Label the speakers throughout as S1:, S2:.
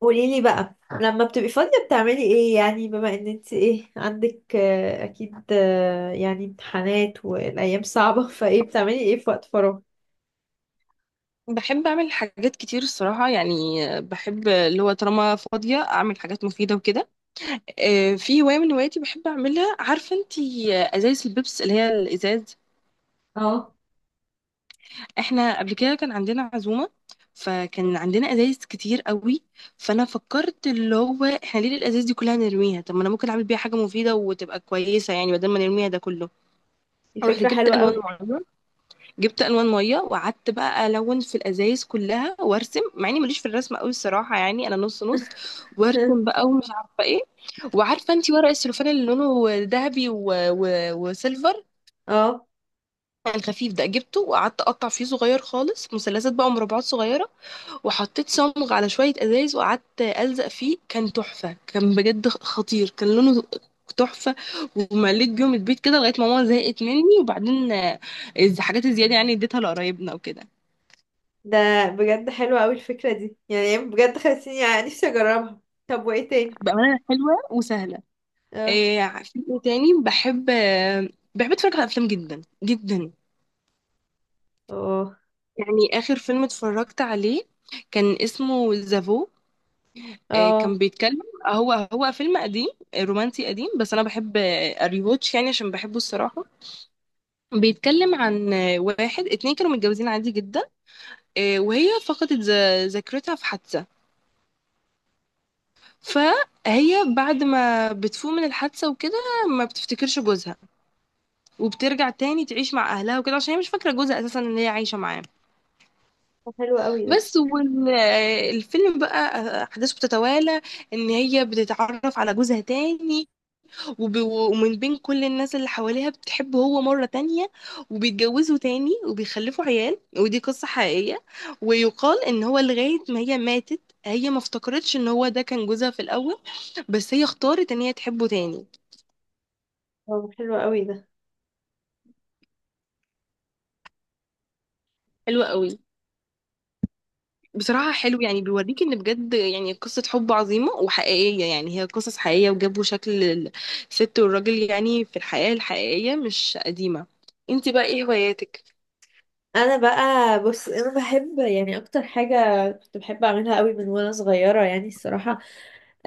S1: قولي لي بقى. لما بتبقي فاضية بتعملي ايه؟ يعني بما ان انت ايه عندك اكيد يعني امتحانات والايام صعبة فايه بتعملي ايه في وقت فراغ؟
S2: بحب اعمل حاجات كتير الصراحه يعني. بحب اللي هو طالما فاضيه اعمل حاجات مفيده وكده. في هوايه من هواياتي بحب اعملها، عارفه انتي، ازايز البيبس اللي هي الازاز. احنا قبل كده كان عندنا عزومه، فكان عندنا ازايز كتير قوي. فانا فكرت اللي هو احنا ليه الازايز دي كلها نرميها؟ طب ما انا ممكن اعمل بيها حاجه مفيده وتبقى كويسه، يعني بدل ما نرميها ده كله.
S1: دي
S2: رحت
S1: فكرة
S2: جبت
S1: حلوة
S2: الوان
S1: قوي.
S2: معينه، جبت الوان ميه وقعدت بقى الون في الازايز كلها وارسم، مع اني ماليش في الرسم قوي الصراحه، يعني انا نص نص، وارسم بقى ومش عارفه ايه. وعارفه انت ورق السلوفان اللي لونه ذهبي وسيلفر،
S1: اه،
S2: الخفيف ده، جبته وقعدت اقطع فيه صغير خالص، مثلثات بقى ومربعات صغيره، وحطيت صمغ على شويه ازايز وقعدت الزق فيه. كان تحفه، كان بجد خطير، كان لونه تحفه. ومليت بيهم البيت كده لغايه ما ماما زهقت مني، وبعدين الحاجات الزياده يعني اديتها لقرايبنا وكده.
S1: ده بجد حلوة قوي الفكرة دي، يعني بجد خلتيني يعني نفسي اجربها. طب وايه تاني؟
S2: بأمانة حلوة وسهلة.
S1: اه.
S2: إيه عارفين إيه تاني، بحب أتفرج على أفلام جدا جدا.
S1: اه.
S2: يعني آخر فيلم اتفرجت عليه كان اسمه زافو. إيه
S1: اه.
S2: كان بيتكلم، هو فيلم قديم، رومانسي قديم، بس أنا بحب أريواتش، يعني عشان بحبه الصراحة. بيتكلم عن واحد اتنين كانوا متجوزين عادي جدا، وهي فقدت ذاكرتها في حادثة. فهي بعد ما بتفوق من الحادثة وكده ما بتفتكرش جوزها، وبترجع تاني تعيش مع اهلها وكده، عشان هي مش فاكره جوزها اساسا ان هي عايشه معاه.
S1: طب حلو قوي ده.
S2: بس والفيلم بقى احداثه بتتوالى ان هي بتتعرف على جوزها تاني، ومن بين كل الناس اللي حواليها بتحبه هو مره تانية، وبيتجوزوا تاني وبيخلفوا عيال، ودي قصه حقيقيه. ويقال ان هو لغايه ما هي ماتت، هي ما افتكرتش ان هو ده كان جوزها في الاول، بس هي اختارت ان هي تحبه تاني.
S1: اه حلو قوي ده.
S2: حلوه قوي. بصراحة حلو، يعني بيوريك ان بجد يعني قصة حب عظيمة وحقيقية، يعني هي قصص حقيقية وجابوا شكل الست والراجل، يعني في الحياة الحقيقية مش قديمة. انت بقى ايه هواياتك؟
S1: انا بقى، بص، انا بحب يعني اكتر حاجة كنت بحب اعملها قوي من وانا صغيرة يعني الصراحة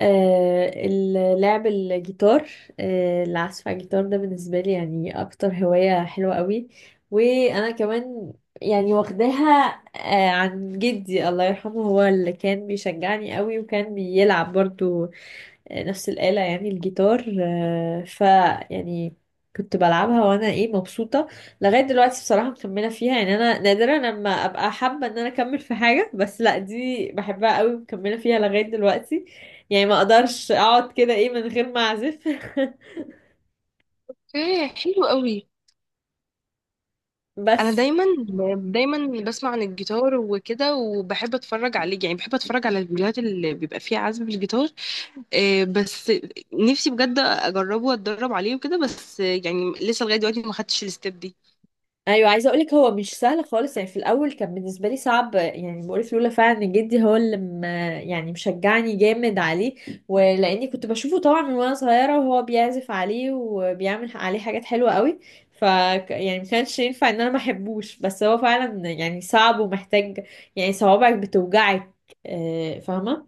S1: لعب الجيتار. العزف على الجيتار ده بالنسبة لي يعني أكتر هواية حلوة قوي. وأنا كمان يعني واخداها عن جدي الله يرحمه، هو اللي كان بيشجعني قوي وكان بيلعب برضو نفس الآلة يعني الجيتار. آه، ف يعني كنت بلعبها وانا ايه مبسوطة. لغاية دلوقتي بصراحة مكملة فيها، يعني انا نادرا لما ابقى حابة ان انا اكمل في حاجة، بس لا دي بحبها قوي ومكملة فيها لغاية دلوقتي. يعني ما اقدرش اقعد كده ايه من غير ما اعزف.
S2: ايه حلو قوي. انا
S1: بس.
S2: دايما دايما بسمع عن الجيتار وكده وبحب اتفرج عليه، يعني بحب اتفرج على الفيديوهات اللي بيبقى فيها عزف بالجيتار. إيه، بس نفسي بجد اجربه واتدرب عليه وكده، بس يعني لسه لغاية دلوقتي ما خدتش الستيب دي.
S1: ايوه، عايزه اقولك هو مش سهل خالص، يعني في الاول كان بالنسبه لي صعب. يعني بقولك لولا فعلا ان جدي هو يعني مشجعني جامد عليه، ولاني كنت بشوفه طبعا من وانا صغيره وهو بيعزف عليه وبيعمل عليه حاجات حلوه قوي. ف يعني ما كانش ينفع ان انا ما احبوش، بس هو فعلا يعني صعب ومحتاج، يعني صوابعك بتوجعك. فاهمه.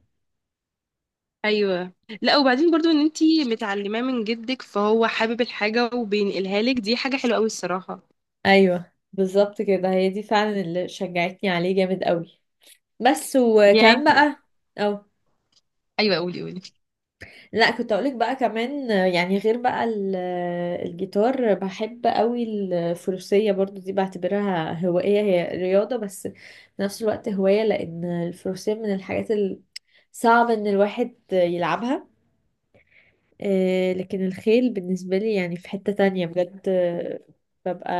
S2: ايوه. لا، وبعدين برضو ان انتي متعلماه من جدك، فهو حابب الحاجه وبينقلها لك، دي حاجه حلوه قوي الصراحه
S1: ايوه بالظبط كده، هي دي فعلا اللي شجعتني عليه جامد قوي. بس. وكمان
S2: يعني.
S1: بقى اه،
S2: ايوه قولي قولي.
S1: لا كنت اقولك بقى كمان يعني غير بقى الجيتار بحب قوي الفروسية برضو، دي بعتبرها هواية، هي رياضة بس في نفس الوقت هواية لان الفروسية من صعب ان الواحد يلعبها. لكن الخيل بالنسبة لي يعني في حتة تانية بجد، ببقى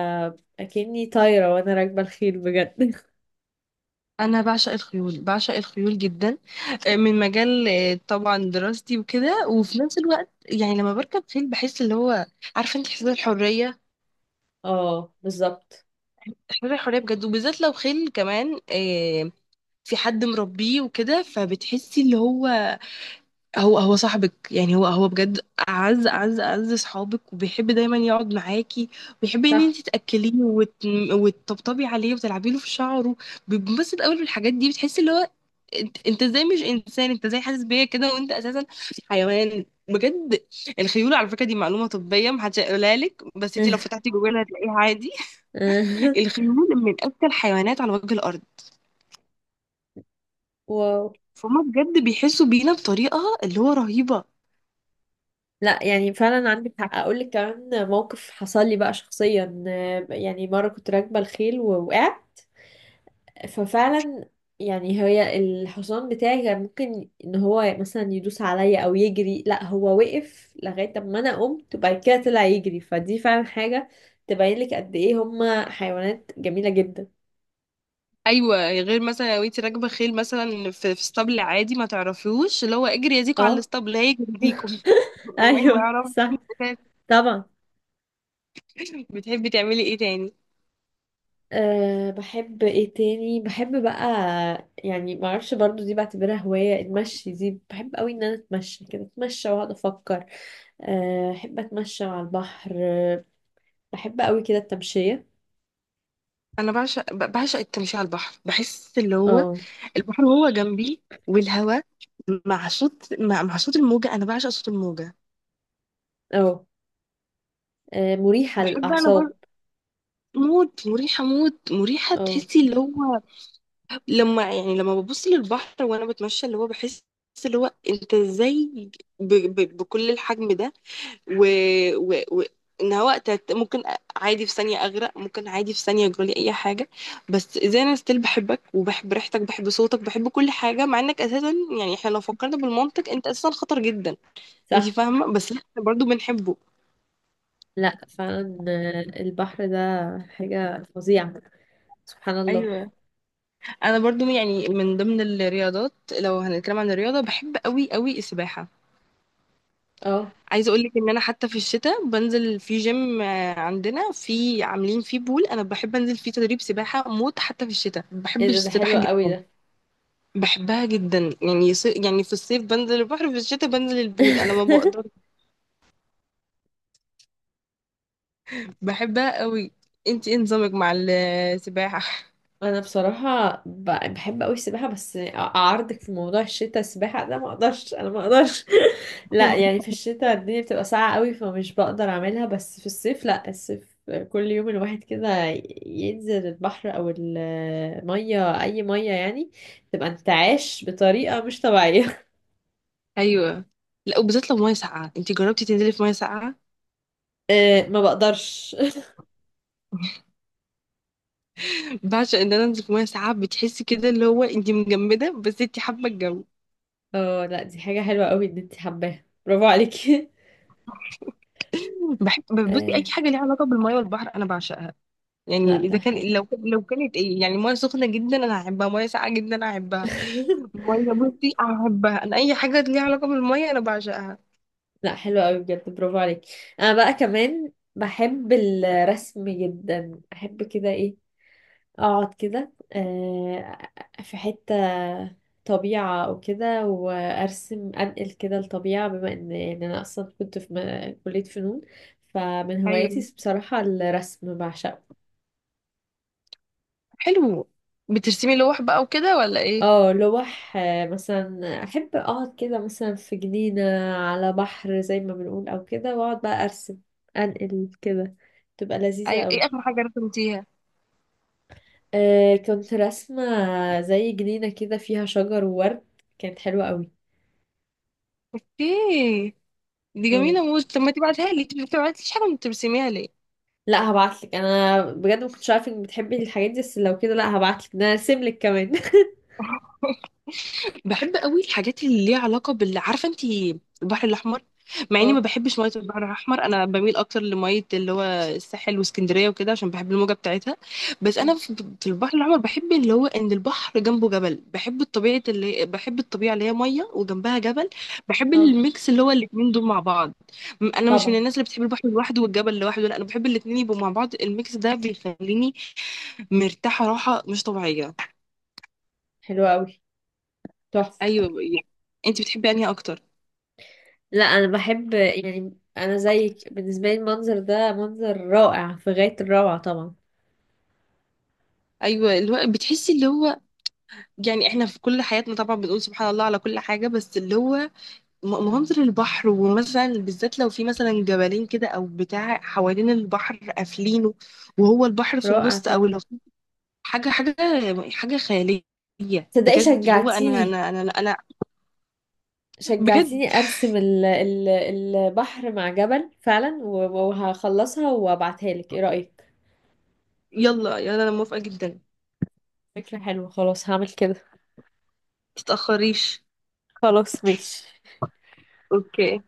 S1: اكني طايرة وانا راكبة الخيل بجد.
S2: انا بعشق الخيول بعشق الخيول جدا، من مجال طبعا دراستي وكده، وفي نفس الوقت يعني لما بركب خيل بحس اللي هو، عارفه انت، احساس الحريه،
S1: اه بالظبط.
S2: احساس الحريه بجد، وبالذات لو خيل كمان في حد مربيه وكده، فبتحسي اللي هو هو صاحبك، يعني هو بجد اعز اعز اعز صحابك، وبيحب دايما يقعد معاكي وبيحب ان
S1: صح.
S2: انت تاكليه وتطبطبي عليه وتلعبي له في شعره، بينبسط قوي بالحاجات دي. بتحسي اللي هو انت ازاي مش انسان، انت ازاي حاسس بيا كده وانت اساسا حيوان بجد. الخيول، على فكره، دي معلومه طبيه محدش هيقولها لك، بس انت لو فتحتي جوجل هتلاقيها عادي. الخيول من اذكى الحيوانات على وجه الارض،
S1: و...
S2: فهم بجد بيحسوا بينا بطريقه اللي هو رهيبه.
S1: لا يعني فعلا عندك حق، اقول لك كمان موقف حصل لي بقى شخصيا. يعني مره كنت راكبه الخيل ووقعت. ففعلا يعني الحصان بتاعي كان ممكن ان هو مثلا يدوس عليا او يجري. لا، هو وقف لغايه ما انا قمت وبعد كده طلع يجري. فدي فعلا حاجه تبين لك قد ايه هما حيوانات جميله جدا.
S2: ايوه، غير مثلا لو انت راكبه خيل مثلا في اسطبل عادي ما تعرفيهوش، اللي هو اجري يا زيكو على
S1: اه.
S2: الاسطبل هيجري يزيكو. والله ما
S1: ايوه
S2: يعرف.
S1: صح. طبعا.
S2: بتحبي تعملي ايه تاني؟
S1: أه بحب ايه تاني؟ بحب بقى، يعني معرفش برضو دي بعتبرها هواية، المشي دي بحب قوي ان انا اتمشى كده، اتمشى واقعد افكر. أه احب اتمشى على البحر. بحب قوي كده التمشية.
S2: انا بعشق بعشق التمشي على البحر، بحس اللي هو
S1: اه.
S2: البحر هو جنبي والهواء، مع صوت مع صوت الموجه، انا بعشق صوت الموجه.
S1: اه. أه، مريحة
S2: بحب انا
S1: للأعصاب.
S2: برضه. موت مريحه موت مريحه،
S1: اه
S2: تحسي اللي هو لما، يعني لما ببص للبحر وانا بتمشى اللي هو بحس، اللي هو انت ازاي بكل الحجم ده، و... و... و... ان هو ممكن عادي في ثانيه اغرق، ممكن عادي في ثانيه يجرالي اي حاجه، بس زي انا ستيل بحبك وبحب ريحتك، بحب صوتك، بحب كل حاجه مع انك اساسا، يعني احنا لو فكرنا بالمنطق انت اساسا خطر جدا. انت
S1: صح.
S2: فاهمه، بس لا، احنا برضو بنحبه.
S1: لا فعلا أه، البحر ده حاجة فظيعة، سبحان الله.
S2: ايوه. انا برضو، يعني من ضمن الرياضات، لو هنتكلم عن الرياضه، بحب قوي قوي السباحه.
S1: اه.
S2: عايزه اقول لك ان انا حتى في الشتاء بنزل في جيم عندنا، في عاملين فيه بول، انا بحب انزل فيه تدريب سباحه موت، حتى في الشتاء
S1: ايه
S2: بحب
S1: ده، ده حلو
S2: السباحه
S1: قوي
S2: جدا.
S1: ده.
S2: بحبها جدا، يعني يعني في الصيف بنزل البحر، في الشتاء بنزل البول، انا ما بقدر. بحبها قوي. انت ايه نظامك مع السباحه؟
S1: انا بصراحه بحب قوي السباحه، بس اعارضك في موضوع الشتاء. السباحه ده ما اقدرش، انا ما اقدرش. لا يعني في الشتاء الدنيا بتبقى ساقعه قوي، فمش بقدر اعملها. بس في الصيف لا، الصيف كل يوم الواحد كده ينزل البحر او الميه، اي ميه يعني تبقى انتعاش بطريقه مش طبيعيه.
S2: ايوه، لا وبالذات لو ميه ساقعه، انت جربتي تنزلي في ميه ساقعه؟
S1: ما بقدرش.
S2: بعشق ان انا انزل في ميه ساقعه، بتحسي كده اللي هو انت مجمده بس انت حابه الجو.
S1: اه لا دي حاجه حلوه قوي ان انت حباها، برافو عليكي.
S2: بحب، بصي، اي
S1: آه.
S2: حاجه ليها علاقه بالميه والبحر انا بعشقها. يعني
S1: لا ده
S2: اذا
S1: حلو.
S2: كان لو كانت ايه، يعني ميه سخنه جدا انا احبها، ميه ساقعه جدا انا احبها. ميه، بصي، احبها انا، اي حاجه ليها علاقه بالميه انا بعشقها.
S1: لا حلو قوي بجد، برافو عليك. انا بقى كمان بحب الرسم جدا، احب كده ايه، اقعد كده في حتة طبيعة او كده وارسم، انقل كده الطبيعة، بما ان يعني انا اصلا كنت في كلية فنون. فمن
S2: ايوه
S1: هواياتي بصراحة الرسم، بعشقه.
S2: حلو. بترسمي لوح بقى وكده ولا ايه؟
S1: اه لوح. مثلا احب اقعد كده مثلا في جنينة على بحر زي ما بنقول او كده، واقعد بقى ارسم، انقل كده. تبقى لذيذة
S2: ايوه، ايه
S1: قوي.
S2: اخر حاجه رسمتيها؟
S1: آه كنت راسمة زي جنينة كده فيها شجر وورد، كانت حلوة قوي.
S2: اوكي، دي
S1: اه
S2: جميله موت، طب ما تبعتها لي انت، ما بتبعتليش حاجه وانت بترسميها ليه؟
S1: لا هبعتلك، انا بجد ما كنتش عارفة انك بتحبي الحاجات دي، بس لو كده لا هبعتلك ده انا هرسملك كمان.
S2: بحب قوي الحاجات اللي ليها علاقه بال، عارفه انت، البحر الاحمر، مع اني ما
S1: اه.
S2: بحبش ميه البحر الاحمر، انا بميل اكتر لميه اللي هو الساحل واسكندريه وكده، عشان بحب الموجه بتاعتها. بس
S1: أم.
S2: انا في البحر الاحمر بحب اللي هو ان البحر جنبه جبل، بحب الطبيعه، اللي بحب الطبيعه اللي هي ميه وجنبها جبل، بحب
S1: اه
S2: الميكس اللي هو الاتنين دول مع بعض. انا مش من
S1: طبعا.
S2: الناس اللي بتحب البحر لوحده والجبل لوحده، لا انا بحب الاتنين يبقوا مع بعض، الميكس ده بيخليني مرتاحه راحه مش طبيعيه.
S1: حلوة قوي. تحفة.
S2: ايوه يعني. انت بتحبي انهي اكتر؟
S1: لا انا بحب، يعني انا زيك بالنسبة لي المنظر ده منظر رائع في غاية الروعة طبعا.
S2: ايوه اللي هو بتحسي اللي هو، يعني احنا في كل حياتنا طبعا بنقول سبحان الله على كل حاجه، بس اللي هو منظر البحر، ومثلا بالذات لو في مثلا جبلين كده او بتاع حوالين البحر قافلينه وهو البحر في
S1: رائع
S2: النص، او لو
S1: طبعا.
S2: في حاجه حاجه حاجه خياليه
S1: تصدقي
S2: بجد، اللي هو انا
S1: شجعتيني،
S2: انا انا انا بجد
S1: شجعتيني ارسم البحر مع جبل فعلا، وهخلصها وابعتها لك، ايه رأيك؟
S2: يلا يلا انا موافقه جدا.
S1: فكرة حلوة، خلاص هعمل كده.
S2: متتاخريش.
S1: خلاص ماشي.
S2: اوكي.